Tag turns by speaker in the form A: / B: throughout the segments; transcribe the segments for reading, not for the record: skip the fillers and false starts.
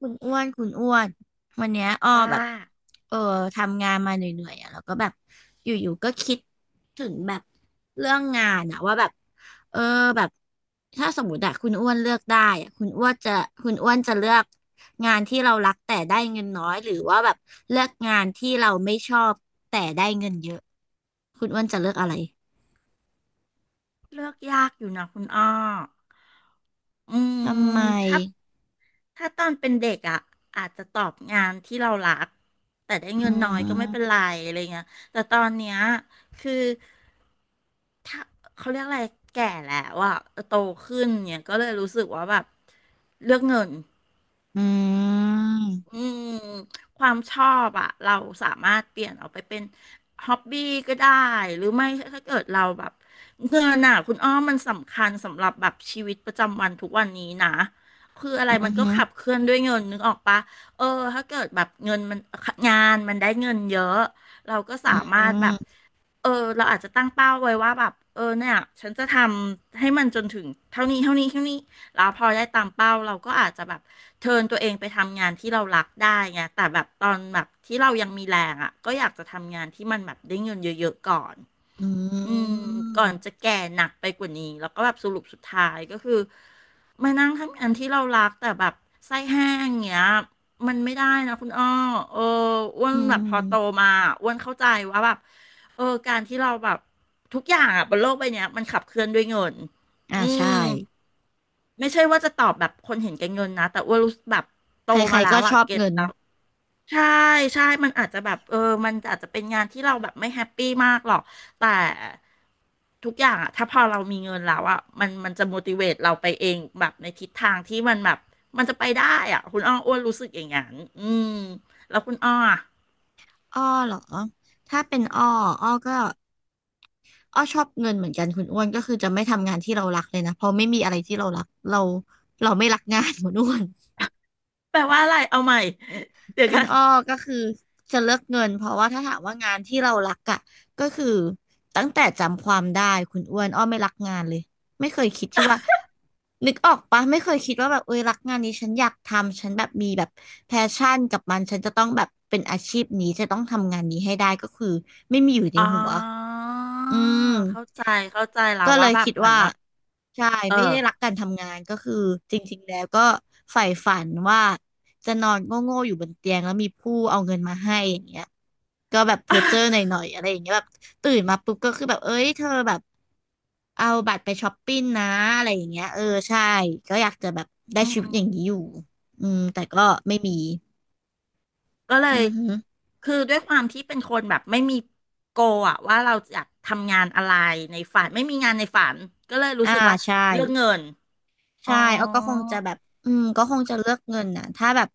A: คุณอ้วนคุณอ้วน วันเนี้ยอ้อ
B: ว่า
A: แบบเออทำงานมาเหนื่อยๆอ่ะแล้วก็แบบอยู่ๆก็คิดถึงแบบเรื่องงานอ่ะว่าแบบเออแบบถ้าสมมติอะคุณอ้วนเลือกได้อะคุณอ้วนจะเลือกงานที่เรารักแต่ได้เงินน้อยหรือว่าแบบเลือกงานที่เราไม่ชอบแต่ได้เงินเยอะ คุณอ้วนจะเลือกอะไร
B: เลือกยากอยู่นะคุณอ้ออื
A: ทำไม
B: มถ้าตอนเป็นเด็กอ่ะอาจจะตอบงานที่เรารักแต่ได้
A: อื
B: เงินน้อยก็ไม่เป็น
A: ม
B: ไรอะไรเงี้ยแต่ตอนเนี้ยคือถ้าเขาเรียกอะไรแก่แล้วอ่ะโตขึ้นเนี่ยก็เลยรู้สึกว่าแบบเลือกเงิน
A: อืม
B: อืมความชอบอะเราสามารถเปลี่ยนออกไปเป็นฮ็อบบี้ก็ได้หรือไม่ถ้าเกิดเราแบบเงินน่ะคุณอ้อมมันสำคัญสำหรับแบบชีวิตประจำวันทุกวันนี้นะคืออะไร
A: อืม
B: มันก็
A: อืม
B: ขับเคลื่อนด้วยเงินนึกออกปะเออถ้าเกิดแบบเงินมันงานมันได้เงินเยอะเราก็สา
A: อื
B: มารถแบ
A: ม
B: บ เออเราอาจจะตั้งเป้าไว้ว่าแบบเออเนี่ยฉันจะทำให้มันจนถึงเท่านี้เท่านี้เท่านี้แล้วพอได้ตามเป้าเราก็อาจจะแบบเทิร์นตัวเองไปทำงานที่เรารักได้ไงแต่แบบตอนแบบที่เรายังมีแรงอ่ะก็อยากจะทำงานที่มันแบบได้เงินเยอะๆก่อน
A: อื
B: อืมก่อนจะ
A: ม
B: แก่หนักไปกว่านี้แล้วก็แบบสรุปสุดท้ายก็คือมานั่งทำงานที่เรารักแต่แบบไส้แห้งเงี้ย มันไม่ได้นะคุณอ้อเอออ้วน
A: อื
B: แบบพอโต
A: ม
B: มาอ้วนเข้าใจว่าแบบเออการที่เราแบบทุกอย่างอะบนโลกใบเนี้ยมันขับเคลื่อนด้วยเงิน
A: อ่า
B: อื
A: ใช่
B: มไม่ใช่ว่าจะตอบแบบคนเห็นแก่เงินนะแต่อ้วนรู้สึกแบบโต
A: ใคร
B: มาแล้
A: ๆก็
B: ว
A: ช
B: อะ
A: อบ
B: เก็ต
A: เงิน
B: แล้ว ใช่ใช่ มันอาจจะแบบเออ มันอาจจะเป็นงานที่เราแบบไม่แฮปปี้มากหรอก แต่ทุกอย่างอะถ้าพอเรามีเงินแล้วอะมันจะ motivate เราไปเองแบบในทิศทางที่มันแบบมันจะไปได้อะคุณอ้ออ้วนรู้สึกอย่างนั้นอืมแล้วคุณอ้ออะ
A: อ้อเหรอถ้าเป็นอ้ออ้อก็อ้อชอบเงินเหมือนกันคุณอ้วนก็คือจะไม่ทำงานที่เรารักเลยนะเพราะไม่มีอะไรที่เรารักเราไม่รักงาน คุณอ้วน
B: แปลว่าอะไรเอาใหม่ เดี๋ยว
A: เป็น
B: กัน
A: อ้อก็คือจะเลือกเงินเพราะว่าถ้าถามว่างานที่เรารักอ่ะก็คือตั้งแต่จำความได้คุณอ้วนอ้อไม่รักงานเลยไม่เคยคิดที่ว่านึกออกปะไม่เคยคิดว่าแบบเอ้ยรักงานนี้ฉันอยากทำฉันแบบมีแบบแพชชั่นกับมันฉันจะต้องแบบเป็นอาชีพนี้จะต้องทำงานนี้ให้ได้ก็คือไม่มีอยู่ใน
B: อ๋
A: หัว
B: อ
A: อื
B: เข้า
A: ม
B: ใจเข้าใจแล้
A: ก็
B: ว
A: เล
B: ว่า
A: ย
B: แบบ
A: คิด
B: เหมือน
A: ว่า
B: แบบ
A: ใช่
B: เออ
A: ไม่ได้รักการทำงานก็คือจริงๆแล้วก็ใฝ่ฝันว่าจะนอนโง่ๆอยู่บนเตียงแล้วมีผู้เอาเงินมาให้อย่างเงี้ยก็แบบเพ้อเจ้อหน่ อยๆอะไรอย่างเงี้ยแบบตื่นมาปุ๊บก็คือแบบเอ้ยเธอแบบเอาบัตรไปช้อปปิ้งนะอะไรอย่างเงี้ยเออใช่ก็อยากจะแบบได้
B: อื
A: ชีวิตอย่างนี้
B: ม
A: อยู่อืมแต่ก็ไม่มี
B: ก็เล
A: อื
B: ย
A: อฮึ
B: คือด้วยความที่เป็นคนแบบไม่มีโกอะว่าเราอยากทำงานอะไรในฝันไม่มีงานในฝันก็เลยรู้
A: อ่า
B: สึกว่า
A: ใช่
B: เรื่องเงินอ๋อ
A: ใช่อ้อก็คงจะแบบ อืมก็คงจะเลือกเงินนะถ้าแบบ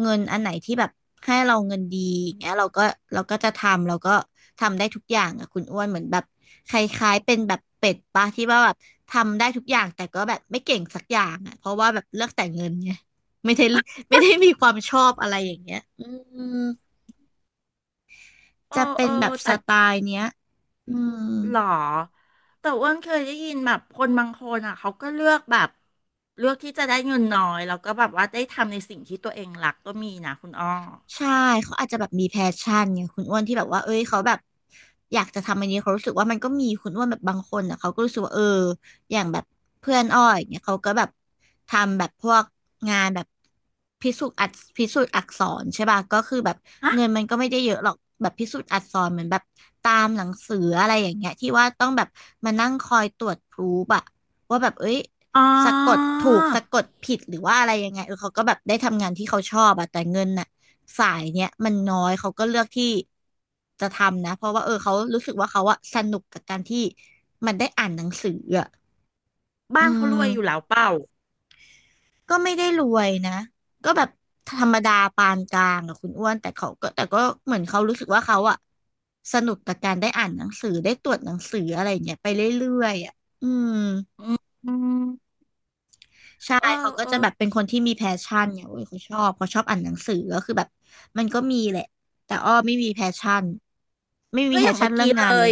A: เงินอันไหนที่แบบให้เราเงินดีอย่างเงี้ยเราก็เราก็จะทำ เราก็ทำได้ทุกอย่างอ่ะคุณอ้วนเหมือนแบบคล้ายๆเป็นแบบเป็ดปะที่ว่าแบบทำได้ทุกอย่างแต่ก็แบบไม่เก่งสักอย่างอ่ะเพราะว่าแบบเลือกแต่เงินไงไม่ได้ไม่ได้มีความชอบอะไรอย่างเงี้ยอืม
B: เออ
A: จะเป็
B: เอ
A: น
B: อ
A: แบบส
B: แต่
A: ไตล์เนี้ยอืม
B: หรอแต่อ้วนเคยได้ยินแบบคนบางคนอ่ะเขาก็เลือกแบบเลือกที่จะได้เงินน้อยแล้วก็แบบว่าได้ทำในสิ่งที่ตัวเองรักก็มีนะคุณอ้อ
A: ใช่เขาอาจจะแบบมีแพชชั่นไงคุณอ้วนที่แบบว่าเอ้ยเขาแบบอยากจะทำอันนี้เขารู้สึกว่ามันก็มีคุณอ้วนแบบบางคนอ่ะเขาก็รู้สึกว่าเอออย่างแบบเพื่อนอ้อยเนี่ยเขาก็แบบทำแบบพวกงานแบบพิสูจน์อักพิสูจน์อักษรใช่ป่ะก็คือแบบ
B: ฮะ
A: เงินมันก็ไม่ได้เยอะหรอกแบบพิสูจน์อักษรเหมือนแบบตามหนังสืออะไรอย่างเงี้ยที่ว่าต้องแบบมานั่งคอยตรวจพรูฟอะว่าแบบเอ้ย
B: อ๋อ
A: สะกดถูกสะกดผิดหรือว่าอะไรยังไงเออเขาก็แบบได้ทำงานที่เขาชอบอะแต่เงินน่ะสายเนี้ยมันน้อยเขาก็เลือกที่จะทำนะเพราะว่าเออเขารู้สึกว่าเขาอะสนุกกับการที่มันได้อ่านหนังสืออะอื
B: บ้านเขารวยอยู่แล้
A: ม
B: วเปล่า
A: ก็ไม่ได้รวยนะก็แบบธรรมดาปานกลางอะคุณอ้วนแต่ก็เหมือนเขารู้สึกว่าเขาอะสนุกกับการได้อ่านหนังสือได้ตรวจหนังสืออะไรอย่างเงี้ยไปเรื่อยๆอะอืม
B: อืม
A: ใช่
B: เออ
A: เขาก็
B: เอ
A: จะ
B: อ
A: แบบเป็นคนที่มีแพชชั่นเนี่ยเว้ยเขาชอบอ่านหนังสือก็คือแบบมันก็มีแหละ แต่อ้อไม่มีแพชชั่น ไม่มี
B: ก็
A: แพ
B: อย่า
A: ช
B: ง
A: ชั่
B: เมื่
A: น
B: อ
A: เรื่อ
B: กี้
A: ง
B: เล
A: งานเลย
B: ย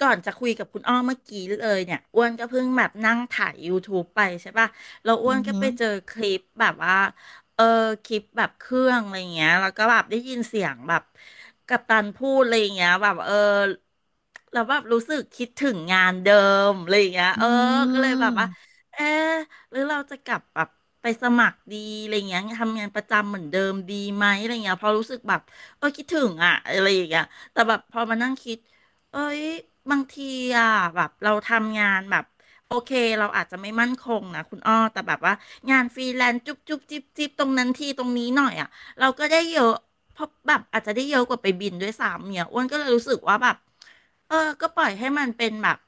B: ก่อนจะคุยกับคุณอ้อเมื่อกี้เลยเนี่ยอ้วนก็เพิ่งแบบนั่งถ่าย YouTube ไปใช่ป่ะแล้วอ้
A: อื
B: วน
A: อ
B: ก็
A: หือ
B: ไปเจอคลิปแบบว่าเออคลิปแบบเครื่องอะไรเงี้ยแล้วก็แบบได้ยินเสียงแบบกัปตันพูดอะไรเงี้ยแบบเออแล้วแบบรู้สึกคิดถึงงานเดิมอะไรเงี้ย
A: อื
B: เออก็เลยแบบว่า
A: ม
B: เออหรือเราจะกลับแบบไปสมัครดีอะไรเงี้ยทำงานประจำเหมือนเดิมดีไหมอะไรเงี้ยเพราะรู้สึกแบบเออคิดถึงอ่ะอะไรอย่างเงี้ยแต่แบบพอมานั่งคิด เอ้ยบางทีอ่ะแบบเราทำงานแบบโอเคเราอาจจะไม่มั่นคงนะคุณอ้อแต่แบบว่างานฟรีแลนซ์จุ๊บจุ๊บจิ๊บจิ๊บตรงนั้นทีตรงนี้หน่อยอ่ะเราก็ได้เยอะเพราะแบบอาจจะได้เยอะกว่าไปบินด้วยซ้ำเนี่ยอ้วนก็เลยรู้สึกว่าแบบเออก็ปล่อยให้มันเป็นแบบ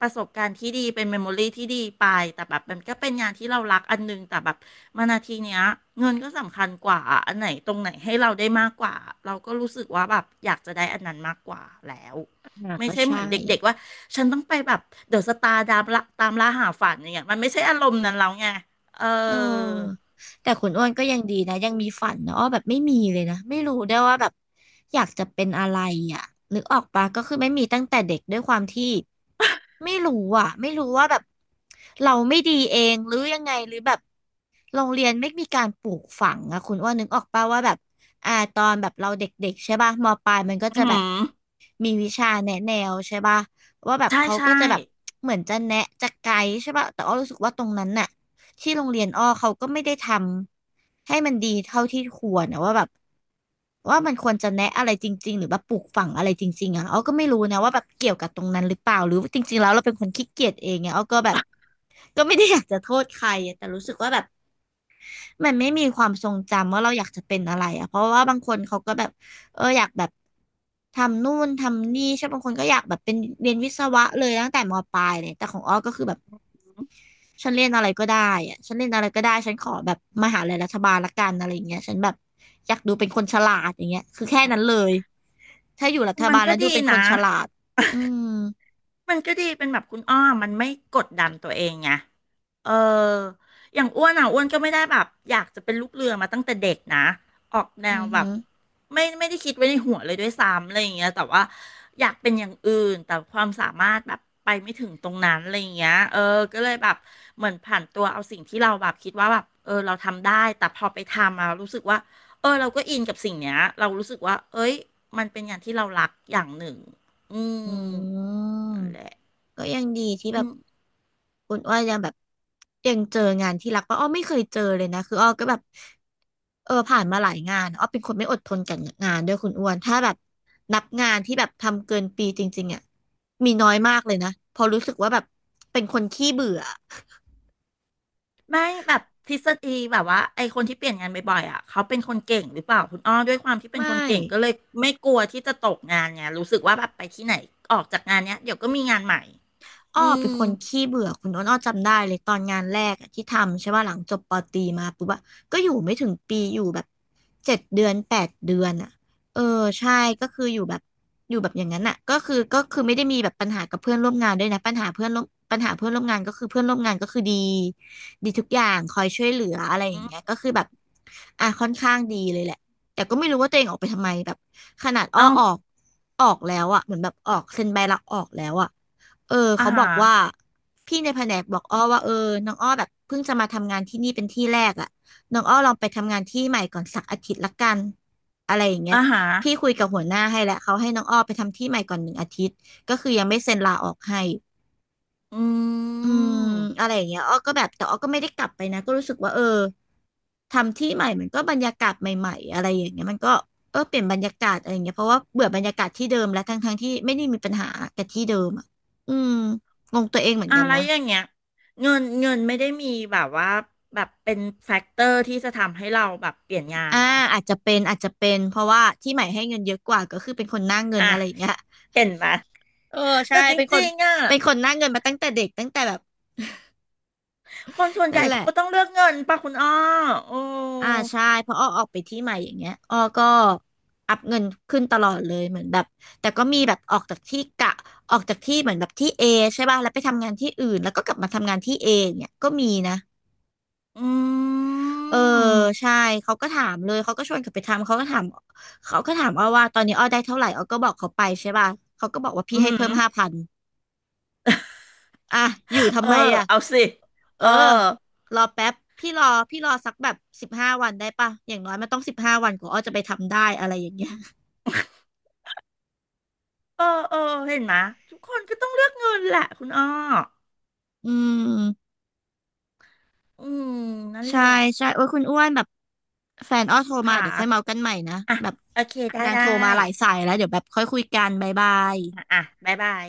B: ประสบการณ์ที่ดีเป็นเมมโมรี่ที่ดีไปแต่แบบมันก็เป็นงานที่เรารักอันนึงแต่แบบมานาทีเนี้ยเงินก็สำคัญกว่าอะอันไหนตรงไหนให้เราได้มากกว่าเราก็รู้สึกว่าแบบอยากจะได้อันนั้นมากกว่าแล้ว
A: อ่ะ
B: ไม่
A: ก็
B: ใช่เห
A: ใช่
B: มือนเด็กๆว่าฉันต้องไปแบบเดอะสตาร์ตามล่าตามล่าหาฝันอย่างเงี้ยมันไม่ใช่อารมณ์นั้นแล้วไงเอ
A: เอ
B: อ
A: อแต่คุณอ้วนก็ยังดีนะยังมีฝันนะอ้อแบบไม่มีเลยนะไม่รู้ได้วยว่าแบบอยากจะเป็นอะไรอ่ะนึกออกปะก็คือไม่มีตั้งแต่เด็กด้วยความที่ไม่รู้อ่ะไม่รู้ว่าแบบเราไม่ดีเองหรือยังไงหรือแบบโรงเรียนไม่มีการปลูกฝังอะคุณอ้วนนึกออกปะว่าแบบอ่าตอนแบบเราเด็กๆใช่ป่ะมปลายมันก็
B: อื
A: จะแบบ
B: ม
A: มีวิชาแนะแนวใช่ป่ะว่าแบบ
B: ใช่
A: เขา
B: ใช่
A: ก็จะแบบเหมือนจะแนะจะไกด์ใช่ป่ะแต่อ้อรู้สึกว่าตรงนั้นน่ะ ที่โรงเรียนอ้อเขาก็ไม่ได้ทำให้มันดีเท่าที่ควรนะว่าแบบว่ามันควรจะแนะอะไรจริงๆหรือแบบปลูกฝังอะไรจริงๆอ่ะอ้อก็ไม่รู้นะว่าแบบเกี่ยวกับตรงนั้นหรือเปล่าหรือจริงๆแล้วเราเป็นคนขี้เกียจเองไงอ้อก็แบบก็ไม่ได้อยากจะโทษใครอะแต่รู้สึกว่าแบบมันไม่มีความทรงจำว่าเราอยากจะเป็นอะไรอ่ะเพราะว่าบางคนเขาก็แบบเอออยากแบบทำนู่นทำนี่ใช่บางคนก็อยากแบบเป็นเรียนวิศวะเลยตั้งแต่มปลายเลยแต่ของอ้อก็คือแบบ ฉันเล่นอะไรก็ได้อะฉันเล่นอะไรก็ได้ ฉันขอแบบมหาลัยรัฐบาลละกันอะไรอย่างเงี้ยฉันแบบอยากดูเป็นคนฉลาดอย่างเงี้ยคือแค่นั้นเลย ถ้าอยู่รัฐ
B: มัน
A: บาล
B: ก็
A: แล้วดู
B: ดี
A: เป็นคน
B: นะ
A: ฉลาดอืม
B: มันก็ดีเป็นแบบคุณอ้อมมันไม่กดดันตัวเองไงเอออย่างอ้วนอ่ะอ้วนก็ไม่ได้แบบอยากจะเป็นลูกเรือมาตั้งแต่เด็กนะออกแน
A: อื
B: ว
A: อ
B: แบ
A: หื
B: บ
A: อ
B: ไม่ได้คิดไว้ในหัวเลยด้วยซ้ำอะไรอย่างเงี้ยแต่ว่าอยากเป็นอย่างอื่นแต่ความสามารถแบบไปไม่ถึงตรงนั้นอะไรอย่างเงี้ยเออก็เลยแบบเหมือนผ่านตัวเอาสิ่งที่เราแบบคิดว่าแบบเออเราทำได้แต่พอไปทำมารู้สึกว่าเออเราก็อินกับสิ่งเนี้ยเรารู้สึกว่าเอ้ยมันเป็นงานที่เรารักอย่างหนึ่งอื
A: อื
B: มนั่นแหละ
A: มก็ยังดีที่
B: อื
A: แบบ
B: ม
A: คุณอ้อยยังแบบยังเจองานที่รักป่ะอ้อไม่เคยเจอเลยนะคืออ้อก็แบบผ่านมาหลายงานอ้อเป็นคนไม่อดทนกับงานด้วยคุณอ้วนถ้าแบบนับงานที่แบบทำเกินปีจริงๆอ่ะมีน้อยมากเลยนะเพอราะรู้สึกว่าแบบเป็นคนขี้เบื่อ
B: ไม่แบบทฤษฎีแบบว่าไอคนที่เปลี่ยนงานบ่อยๆอ่ะเขาเป็นคนเก่งหรือเปล่าคุณอ้อด้วยความที่เป็น
A: ไม่
B: คนเก่งก็เลยไม่กลัวที่จะตกงานไงรู้สึกว่าแบบไปที่ไหนออกจากงานเนี้ยเดี๋ยวก็มีงานใหม่
A: อ้อ
B: อื
A: เป็
B: ม
A: นคนขี้เบื่อคุณอ้นอ้อจำได้เลยตอนงานแรกอะที่ทำใช่ป่ะหลังจบปอตรีมาปุ๊บอะก็อยู่ไม่ถึงปีอยู่แบบ7 เดือน8 เดือนอะเออใช่ก็คืออยู่แบบอย่างนั้นอะก็คือไม่ได้มีแบบปัญหากับเพื่อนร่วมงานด้วยนะปัญหาเพื่อนร่วมงานก็คือเพื่อนร่วมงานก็คือดีดีทุกอย่างคอยช่วยเหลืออะไรอ
B: อื
A: ย่างเงี้ย
B: ม
A: ก็คือแบบอ่ะค่อนข้างดีเลยแหละแต่ก็ไม่รู้ว่าตัวเองออกไปทำไมแบบขนาดอ้อ
B: เอ้า
A: ออกแล้วอะเหมือนแบบออกเซ็นใบลาออกแล้วอะ เออ
B: อา
A: เขาบ
B: หา
A: อก
B: ร
A: ว่าพี่ในแผนกบอกอ้อว่าเออน้องอ้อแบบเพิ่งจะมาทำงานที่นี่เป็นที่แรกอ่ะน้องอ้อลองไปทำงานที่ใหม่ก่อนสักอาทิตย์ละกันอะไรอย่างเงี้ย
B: อาหาร
A: พี่คุยกับหัวหน้าให้แล้วเขาให้น้องอ้อไปทำที่ใหม่ก่อน1 อาทิตย์ก็คือยังไม่เซ็นลาออกให้
B: อื
A: อืมอะ
B: ม
A: ไรอย่างเงี้ยอ้อก็แบบแต่อ้อก็ไม่ได้กลับไปนะก็รู้สึกว่าเออทำที่ใหม่มันก็บรรยากาศใหม่ๆอะไรอย่างเงี้ยมันก็เออเปลี่ยนบรรยากาศอะไรอย่างเงี้ยเพราะว่าเบื่อบรรยากาศที่เดิมแล้วทั้งๆที่ไม่ได้มีปัญหากับที่เดิมอ่ะอืมงงตัวเองเหมือน
B: อะ
A: กัน
B: ไร
A: นะ
B: อย่างเงี้ยเงินไม่ได้มีแบบว่าแบบเป็นแฟกเตอร์ที่จะทำให้เราแบบเปลี่ยนงาน
A: อ่า
B: เหรอ
A: อาจจะเป็นเพราะว่าที่ใหม่ให้เงินเยอะกว่าก็คือเป็นคนหน้าเงิน
B: อ่ะ
A: อะไรอย่างเงี้ย
B: เห็นไหม
A: เออใช่
B: แต่จริงๆอ่ะ
A: เป็นคนหน้าเงินมาตั้งแต่เด็กตั้งแต่แบบ
B: คนส่วนให
A: นั่
B: ญ่
A: นแหละ
B: เขาก็ต้องเลือกเงินป่ะคุณอ้อโอ้
A: อ่าใช่เพราะอ้อออกไปที่ใหม่อย่างเงี้ยอ้อก็อัพเงินขึ้นตลอดเลยเหมือนแบบแต่ก็มีแบบออกจากที่กะออกจากที่เหมือนแบบที่เอใช่ป่ะแล้วไปทำงานที่อื่นแล้วก็กลับมาทำงานที่เอเนี่ยก็มีนะ
B: อื
A: เออ
B: ม
A: ใช่เขาก็ถามเลยเขาก็ชวนกลับไปทำเขาก็ถามเขาก็ถามอ้อว่าตอนนี้อ้อได้เท่าไหร่อ้อก็บอกเขาไปใช่ป่ะเขาก็บอกว่าพี่
B: อื
A: ให้เพิ่
B: ม
A: ม5,000อ่ะอยู่
B: เอ
A: ทำ
B: อ
A: ไมอ่ะ
B: เอาสิ
A: เอ
B: เอ
A: อ
B: อ
A: รอแป๊บพี่รอสักแบบสิบห้าวันได้ป่ะอย่างน้อยมันต้องสิบห้าวันกว่าอ้อจะไปทำได้อะไรอย่างเงี้ย
B: เออเห็นไหมยทุกคนก็ต้องเลือกเงินแหละคุณอ้อ
A: อืม
B: อืมนั่น
A: ใช่
B: แหละ
A: ใช่โอ้ยคุณอ้วนแบบแฟนอ้อโทรมา
B: ค่ะ
A: เดี๋ยวค่อยเมากันใหม่นะ
B: อ่ะ
A: แบบ
B: โอเค ได้
A: นาง
B: ได้
A: โทรมาหลายสายแล้วเดี๋ยวแบบค่อยคุยกันบ๊ายบาย
B: อ่ะอ่ะบ๊ายบาย